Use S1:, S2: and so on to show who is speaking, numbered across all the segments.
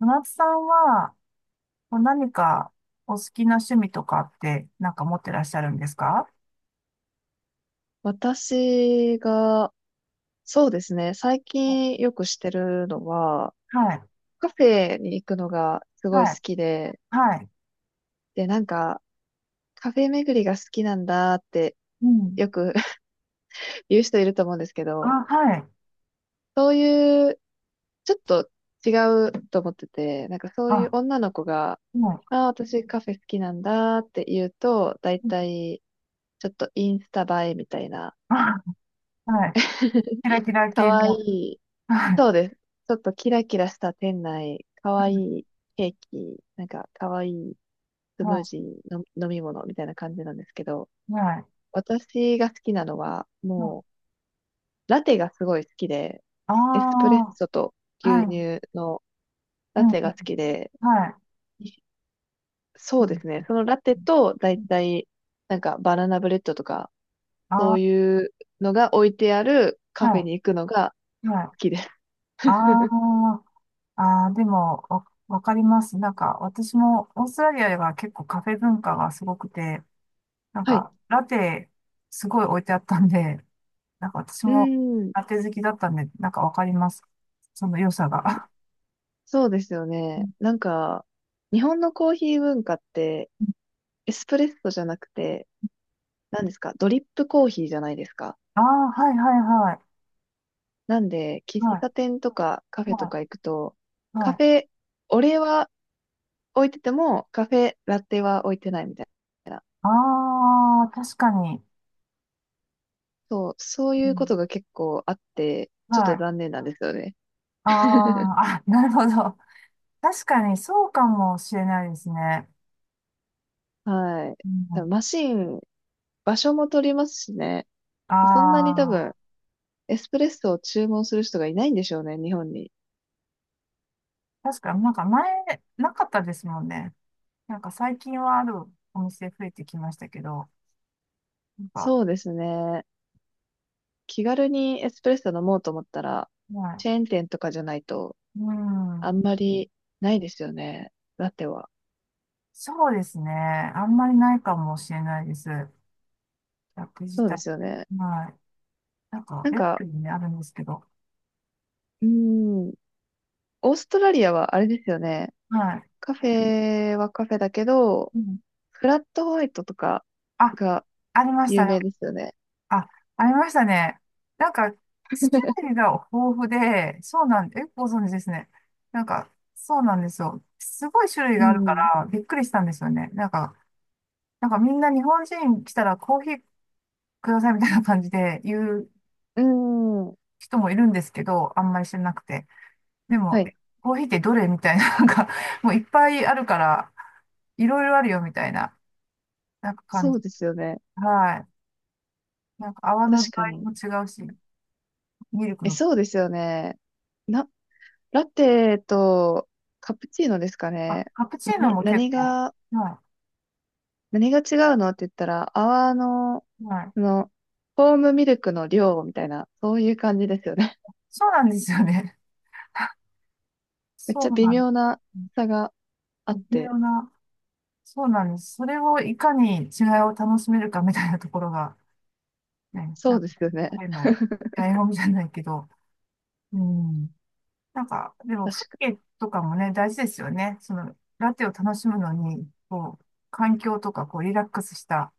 S1: 小夏さんは、こうお好きな趣味とかって、持ってらっしゃるんですか？
S2: 私が、そうですね、最
S1: あ
S2: 近よくしてるのは、
S1: はい。
S2: カフェに行くのがすごい
S1: は
S2: 好
S1: い。
S2: きで、
S1: はい。
S2: で、なんか、カフェ巡りが好きなんだって
S1: うん。
S2: よく 言う人いると思うんですけど、
S1: あ、はい。
S2: そういう、ちょっと違うと思ってて、なんかそうい
S1: あ、
S2: う女の子が、
S1: はい。
S2: ああ、私カフェ好きなんだって言うと、だい
S1: うん、
S2: たいちょっとインスタ映えみたいな、
S1: あ、はい。キラ キラ系
S2: 可愛
S1: の。
S2: い
S1: はい。
S2: そうです。ちょっとキラキラした店内、かわいいケーキ、なんかかわいいスムー
S1: は
S2: ジーの飲み物みたいな感じなんですけど、
S1: い。はい。
S2: 私が好きなのは、
S1: ま
S2: もう、ラテがすごい好きで、
S1: あ、
S2: エスプレッ
S1: あ
S2: ソと
S1: ー、は
S2: 牛
S1: い。
S2: 乳の
S1: う
S2: ラ
S1: ん。
S2: テが好きで、
S1: はい。あ、
S2: そうです
S1: う
S2: ね。そのラテと、だい
S1: ん、
S2: たい、なんかバナナブレッドとか、そ
S1: あ
S2: ういうのが置いてある
S1: ー、
S2: カフェ
S1: は
S2: に行くのが
S1: い。はい。
S2: 好きです。
S1: あー、あー、あでも、わかります。なんか、私も、オーストラリアでは結構カフェ文化がすごくて、なん
S2: はい。
S1: か、ラテ、すごい置いてあったんで、なんか私
S2: う
S1: も
S2: ーん。
S1: ラテ好きだったんで、なんかわかります。その良さが。
S2: そうですよ
S1: う
S2: ね。
S1: ん、
S2: なんか、日本のコーヒー文化って、エスプレッソじゃなくて、何ですか、ドリップコーヒーじゃないですか。
S1: ああ、はいはいはい。
S2: なんで、喫
S1: はい、
S2: 茶店とかカフェと
S1: は
S2: か行くと、
S1: い、
S2: カ
S1: はい。
S2: フェ、オレは置いてても、カフェ、ラテは置いてないみたいな。
S1: ああ、確かに。
S2: そう、そう
S1: う
S2: いうこ
S1: ん、
S2: とが結構あって、ちょっ
S1: は
S2: と
S1: い。
S2: 残念なんですよね。
S1: あ あ、あ、なるほど。確かにそうかもしれないですね。
S2: はい。
S1: う
S2: 多
S1: ん、
S2: 分マシン、場所も取りますしね。そんなに多
S1: あ
S2: 分、
S1: あ、
S2: エスプレッソを注文する人がいないんでしょうね、日本に。
S1: 確かになんか前、なかったですもんね。なんか最近はあるお店増えてきましたけど、なんか、
S2: そうですね。気軽にエスプレッソ飲もうと思ったら、
S1: は
S2: チェーン店とかじゃないと、
S1: い。う
S2: あん
S1: ん。
S2: まりないですよね。ラテは。
S1: そうですね。あんまりないかもしれないです。役自
S2: そうで
S1: 体。
S2: すよね。
S1: はい。なんか、
S2: なん
S1: エラ
S2: か、
S1: クにね、あるんですけど。
S2: うーん、オーストラリアはあれですよね。
S1: はい。
S2: カフェはカフェだけど、
S1: うん、
S2: フラットホワイトとか
S1: あ、
S2: が
S1: ありまし
S2: 有
S1: たね。
S2: 名ですよね。
S1: あ、ありましたね。なんか、種類が豊富で、そうなんで、え、ご存知ですね。なんか、そうなんですよ。すごい種類
S2: う
S1: があるか
S2: ん。
S1: ら、びっくりしたんですよね。なんか、なんかみんな日本人来たらコーヒーくださいみたいな感じで言う
S2: うん。
S1: 人もいるんですけど、あんまり知らなくて。で
S2: は
S1: も、
S2: い。
S1: え、コーヒーってどれみたいな、なんか、もういっぱいあるから、いろいろあるよみたいな、なんか感
S2: そう
S1: じ。
S2: ですよね。
S1: はい。なんか泡の具
S2: 確かに。
S1: 合も違うし、ミルク
S2: え、
S1: の、
S2: そうですよね。な、ラテとカプチーノですか
S1: あ、
S2: ね。
S1: カプチーノ
S2: 何、
S1: も結
S2: 何
S1: 構、
S2: が
S1: は
S2: 何が違うのって言ったら、泡の、
S1: い、は
S2: そ
S1: い。
S2: の、フォームミルクの量みたいな、そういう感じですよね。
S1: そうなんですよね。
S2: めっ
S1: そ
S2: ちゃ
S1: う
S2: 微
S1: なんで
S2: 妙
S1: す。
S2: な差があっ
S1: 微
S2: て、
S1: 妙な、そうなんです。それをいかに違いを楽しめるかみたいなところが、ね、
S2: そ
S1: なん
S2: う
S1: か、
S2: ですよね。
S1: あの、醍醐味じゃないけど、うん。なんか、でも、
S2: 確
S1: 風
S2: かに。
S1: 景とかもね、大事ですよね。その、ラテを楽しむのに、こう、環境とか、こう、リラックスした。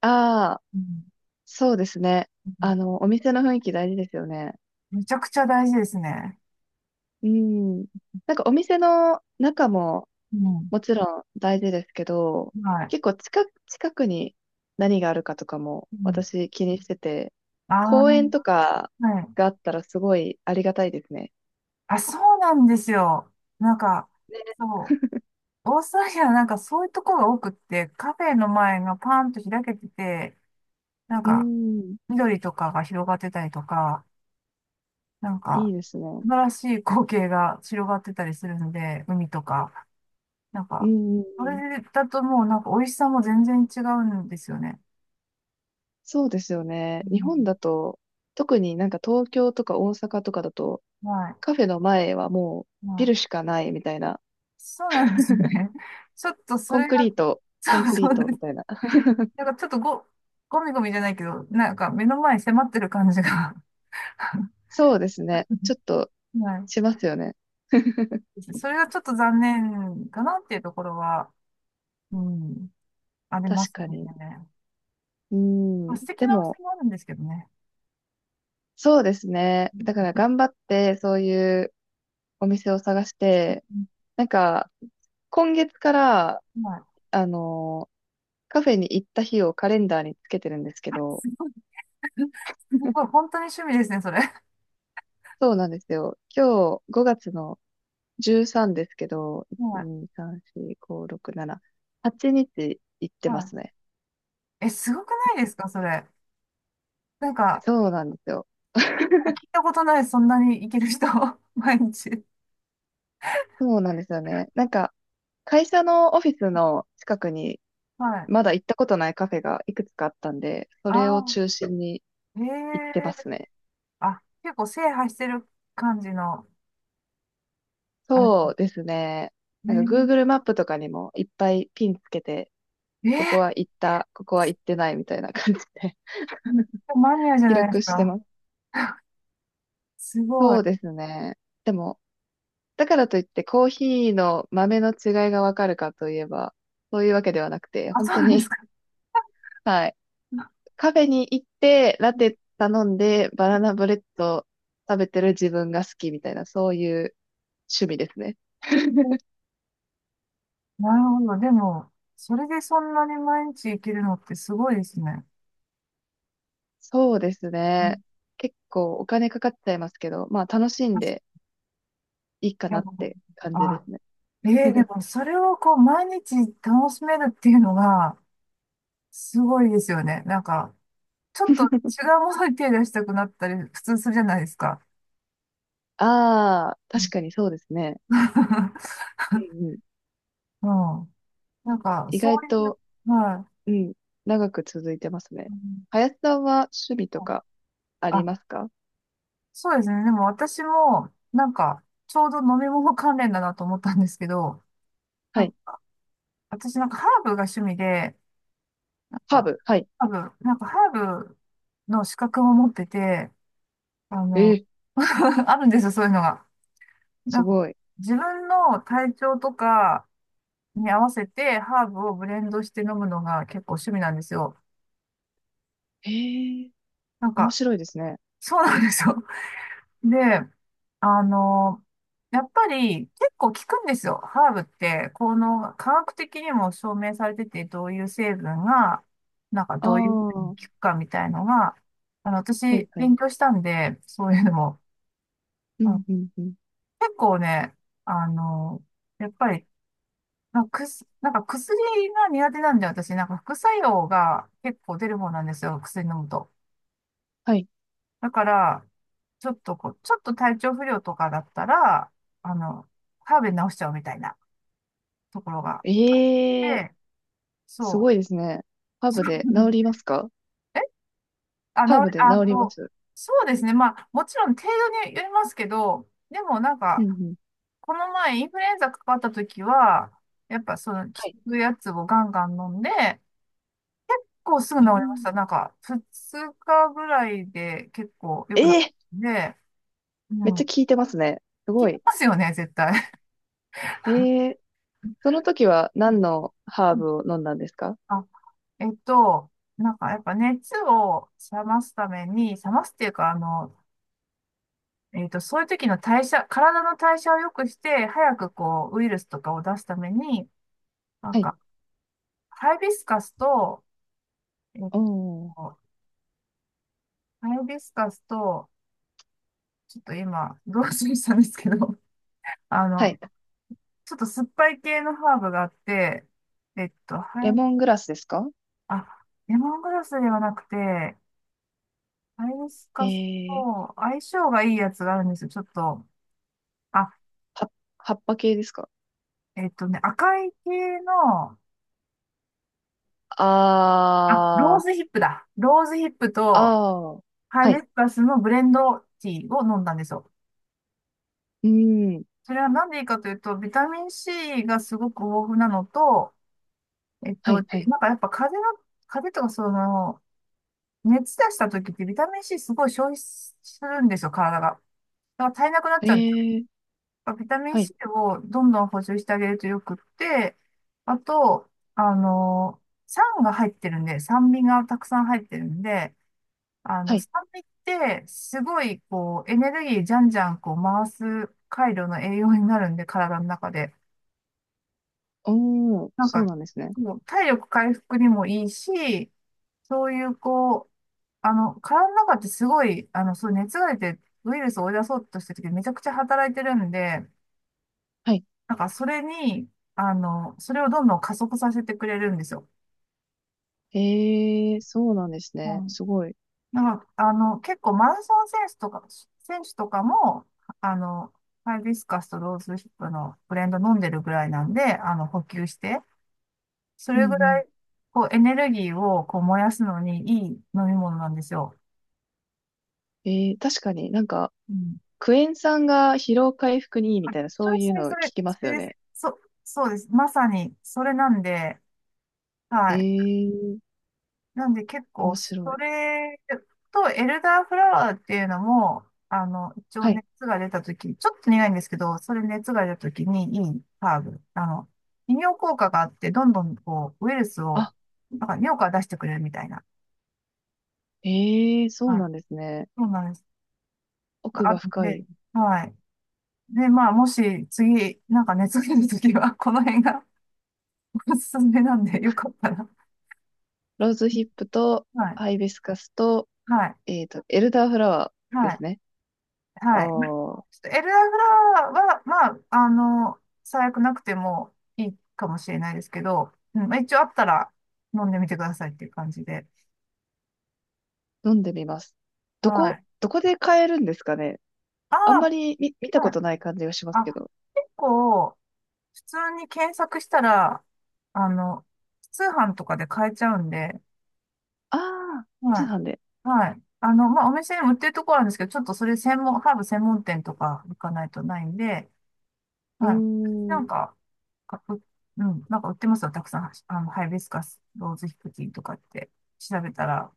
S2: ああ、
S1: うん。
S2: そうですね。
S1: うん、
S2: お店の雰囲気大事ですよね。
S1: めちゃくちゃ大事ですね。
S2: うん。なんかお店の中も
S1: うん。
S2: もちろん大事ですけど、
S1: はい。
S2: 結構近くに何があるかとかも
S1: うん。
S2: 私気にしてて、
S1: ああ、
S2: 公園とか
S1: はい。
S2: があったらすごいありがたいですね。
S1: あ、そうなんですよ。なんか、そう。オーストラリアはなんかそういうとこが多くって、カフェの前がパンと開けてて、なん
S2: う
S1: か、
S2: ん、
S1: 緑とかが広がってたりとか、なん
S2: い
S1: か、
S2: いですね。
S1: 素晴らしい光景が広がってたりするので、海とか。なん
S2: う
S1: か、
S2: ん、う
S1: そ
S2: ん
S1: れだともうなんか美味しさも全然違うんですよね。
S2: そうですよね。
S1: う
S2: 日本
S1: ん。
S2: だと、特になんか東京とか大阪とかだと、
S1: はい。
S2: カフェの前はもうビ
S1: は
S2: ル
S1: い。
S2: しかないみたいな、
S1: そうなんですよね。ちょっとそ
S2: コン
S1: れ
S2: ク
S1: が、
S2: リート、コン
S1: そう
S2: クリ
S1: そ
S2: ー
S1: う
S2: ト
S1: で
S2: み
S1: す。
S2: たいな。
S1: なんかちょっとゴミゴミじゃないけど、なんか目の前に迫ってる感じが
S2: そうですね。ちょっと
S1: は
S2: しますよね。
S1: い。それがちょっと残念かなっていうところは、うん、ありま
S2: 確
S1: す
S2: か
S1: ね。
S2: に。う
S1: まあ、
S2: ん、
S1: 素敵
S2: で
S1: なお
S2: も、
S1: 店もあるんですけどね。
S2: そうですね。だから頑張って、そういうお店を探して、
S1: うん、
S2: なんか、今月から、
S1: はい。
S2: あの、カフェに行った日をカレンダーにつけてるんですけ ど、
S1: すごい、すごい、本当に趣味ですね、それ。
S2: そうなんですよ。今日5月の13ですけど、
S1: は
S2: 1、
S1: い。
S2: 2、3、4、5、6、7、8日行って
S1: は
S2: ま
S1: い。
S2: すね。
S1: え、すごくないですか、それ。なんか、
S2: そうなんですよ。
S1: 聞いたことない、そんなにいける人、毎日。
S2: そうなんですよね。なんか、会社のオフィスの近くに
S1: はい。
S2: まだ行ったことないカフェがいくつかあったんで、そ
S1: あ
S2: れを
S1: あ、
S2: 中心に
S1: へ
S2: 行ってま
S1: え。
S2: すね。
S1: あ、結構制覇してる感じの、あ
S2: そう
S1: れ
S2: ですね。なんか
S1: ね。
S2: Google マップとかにもいっぱいピンつけて、
S1: えー、
S2: ここは行った、ここは行ってないみたいな感じで
S1: めっちゃマニアじ ゃ
S2: 記
S1: ないです
S2: 録して
S1: か。
S2: ます。
S1: すご
S2: そう
S1: い。
S2: ですね。でもだからといってコーヒーの豆の違いがわかるかといえば、そういうわけではなくて、
S1: あ、
S2: 本
S1: そ
S2: 当
S1: うなんです
S2: に、
S1: か。
S2: はい。カフェに行って、ラテ頼んで、バナナブレッド食べてる自分が好きみたいな、そういう趣味ですね。
S1: なるほど。でも、それでそんなに毎日行けるのってすごいですね。
S2: そうです
S1: う
S2: ね。
S1: ん、
S2: 結構お金かかっちゃいますけど、まあ楽しん
S1: 確
S2: でいいか
S1: か
S2: な
S1: に、
S2: って感じで
S1: あ、
S2: すね。
S1: ええ、で もそれをこう毎日楽しめるっていうのがすごいですよね。なんか、ちょっと違うものに手出したくなったり、普通するじゃないですか。
S2: ああ、
S1: うん。
S2: 確かにそうですね。うんうん。
S1: うん、なんか、
S2: 意
S1: そう
S2: 外
S1: い
S2: と、
S1: う、は
S2: うん、長く続いてますね。
S1: い。うん、
S2: 林さんは趣味とかあり
S1: あ、
S2: ますか？
S1: そうですね。でも私も、なんか、ちょうど飲み物関連だなと思ったんですけど、な
S2: は
S1: ん
S2: い。
S1: か私なんかハーブが趣味で、なん
S2: ハー
S1: か、
S2: ブ。はい。
S1: ハーブ、なんかハーブの資格も持ってて、あ
S2: え
S1: の、
S2: ー、
S1: あるんですよ、そういうのが。
S2: す
S1: なんか、
S2: ごい。
S1: 自分の体調とか、に合わせてハーブをブレンドして飲むのが結構趣味なんですよ。
S2: えー、
S1: なん
S2: 面
S1: か、
S2: 白いですね。
S1: そうなんですよ。で、あの、やっぱり結構効くんですよ。ハーブって、この科学的にも証明されてて、どういう成分が、なんか
S2: ああ、
S1: どういうふうに
S2: は
S1: 効くかみたいのが、あの、
S2: い
S1: 私
S2: はい。
S1: 勉強したんで、そういうのも、
S2: う
S1: うん、
S2: ん、うん、うん。
S1: 結構ね、あの、やっぱりなんか薬が苦手なんで、私、なんか副作用が結構出る方なんですよ、薬飲むと。
S2: はい。
S1: だから、ちょっとこう、ちょっと体調不良とかだったら、あの、ハーブで治しちゃうみたいなところがあっ
S2: ええ
S1: て、
S2: すご
S1: そ
S2: いですね。ハーブで
S1: う。う
S2: 治
S1: ん、
S2: りますか？
S1: え、あ、治
S2: ハーブ
S1: り、
S2: で
S1: あ
S2: 治りま
S1: と、
S2: す。
S1: そうですね。まあ、もちろん程度によりますけど、でもなん
S2: うん、
S1: か、
S2: うん。
S1: この前インフルエンザかかった時は、やっぱその効
S2: はい。
S1: くやつをガンガン飲んで、結構すぐ
S2: え
S1: 治りまし
S2: ー、
S1: た。なんか、2日ぐらいで結構良くなっ
S2: えー
S1: たんで、う
S2: めっ
S1: ん。
S2: ちゃ
S1: 効
S2: 効いてますね。す
S1: き
S2: ごい。
S1: ますよね、絶対。
S2: ええその時は
S1: うん、
S2: 何のハー
S1: うん、
S2: ブを飲んだんですか？
S1: あ、えっと、なんかやっぱ熱を冷ますために、冷ますっていうか、あの、えっと、そういう時の代謝、体の代謝を良くして、早くこう、ウイルスとかを出すために、なん
S2: はい。
S1: か、ハイビスカスと、えっ
S2: おー。
S1: と、ハイビスカスと、ちょっと今、どうししたんですけど、あ
S2: は
S1: の、
S2: い。
S1: ちょっと酸っぱい系のハーブがあって、えっと、
S2: レ
S1: はい、
S2: モングラスですか？
S1: あ、レモングラスではなくて、ハイビス
S2: え
S1: カス
S2: えー、
S1: と相性がいいやつがあるんですよ。ちょっと、あ、
S2: は葉っぱ系ですか？
S1: えっとね、赤い系の、あ、ロー
S2: あー、
S1: ズヒップだ。ローズヒップと
S2: あー。
S1: ハイ
S2: は
S1: ビ
S2: い
S1: スカスのブレンドティーを飲んだんですよ。
S2: うーん。
S1: それはなんでいいかというと、ビタミン C がすごく豊富なのと、えっ
S2: は
S1: と、
S2: い、は
S1: で
S2: い。
S1: なんかやっぱ風邪の、風邪とかその、熱出した時ってビタミン C すごい消費するんですよ、体が。だから足りなくなっ
S2: え
S1: ちゃうんです
S2: え、
S1: よ。ビタミン
S2: はい、
S1: C をどんどん補充してあげるとよくって、あと、あの、酸が入ってるんで、酸味がたくさん入ってるんで、あ
S2: は
S1: の、
S2: い。
S1: 酸味ってすごいこう、エネルギーじゃんじゃんこう回す回路の栄養になるんで、体の中で。
S2: おー、
S1: なん
S2: そう
S1: か、
S2: なんですね。
S1: もう体力回復にもいいし、そういうこう、あの、体の中ってすごい、あの、そう、熱が出てウイルスを追い出そうとしてる時めちゃくちゃ働いてるんで、
S2: はい。
S1: なんかそれに、あの、それをどんどん加速させてくれるんですよ。
S2: ええ、そうなんです
S1: う
S2: ね。
S1: ん。
S2: すごい。
S1: なんか、あの、結構マラソン選手とか、選手とかも、あの、ハイビスカスとローズヒップのブレンド飲んでるぐらいなんで、あの、補給して、そ
S2: うんう
S1: れぐら
S2: ん。
S1: い、こう、エネルギーをこう燃やすのにいい飲み物なんですよ。
S2: ええ、確かになんか、クエン酸が疲労回復にいいみ
S1: あ、
S2: たいな、
S1: そ
S2: そう
S1: れ
S2: い
S1: そ
S2: う
S1: れ
S2: の
S1: そ
S2: 聞
S1: れ、
S2: きま
S1: そ
S2: す
S1: れ
S2: よ
S1: です。
S2: ね。
S1: そうです。まさに、それなんで、
S2: え
S1: はい。
S2: え、
S1: なんで結構、
S2: 面
S1: そ
S2: 白い。
S1: れと、エルダーフラワーっていうのも、あの、一応
S2: はい。
S1: 熱が出たとき、ちょっと苦いんですけど、それ熱が出たときにいいハーブ。あの、利尿効果があって、どんどんこう、ウイルスを、
S2: あ、
S1: なんか尿から出してくれるみたいな。
S2: ええ、そう
S1: は
S2: な
S1: い。
S2: んですね。
S1: そうなんです。
S2: 奥
S1: あ
S2: が
S1: るん
S2: 深
S1: で、
S2: い。
S1: はい。で、まあ、もし次、なんか熱が出るときは、この辺がおすすめなんで、よかったら。
S2: ローズヒップと、
S1: はい。
S2: ハイビスカスと、
S1: はい、
S2: エルダーフラワーで
S1: はい、
S2: すね。あ
S1: はい。ちょ
S2: あ
S1: っとエルダーフラワーは、まあ、あの、最悪なくてもいいかもしれないですけど、うん、まあ、一応あったら飲んでみてくださいっていう感じで。
S2: 飲んでみます。
S1: は
S2: どこ、
S1: い。
S2: どこで買えるんですかね？
S1: あ
S2: あんま
S1: あ、
S2: り見た
S1: は
S2: こ
S1: い。
S2: とない感じがしますけ
S1: あ、
S2: ど。
S1: 結構、普通に検索したら、あの、通販とかで買えちゃうんで、
S2: ああ、通
S1: はい。
S2: 販で。
S1: はい。あの、まあ、お店にも売ってるところあるんですけど、ちょっとそれ専門、ハーブ専門店とか行かないとないんで、
S2: うー
S1: はい。なん
S2: ん。
S1: か、かう、うん、なんか売ってますよ、たくさん。あの、ハイビスカス、ローズヒプティンとかって調べたら。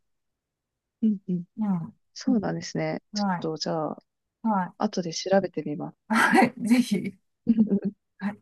S2: うんうん。
S1: うん。
S2: そうなんですね。ちょっ
S1: は
S2: と、
S1: い。
S2: じゃあ、
S1: はい。
S2: 後で調べてみます。
S1: はい。ぜひ。はい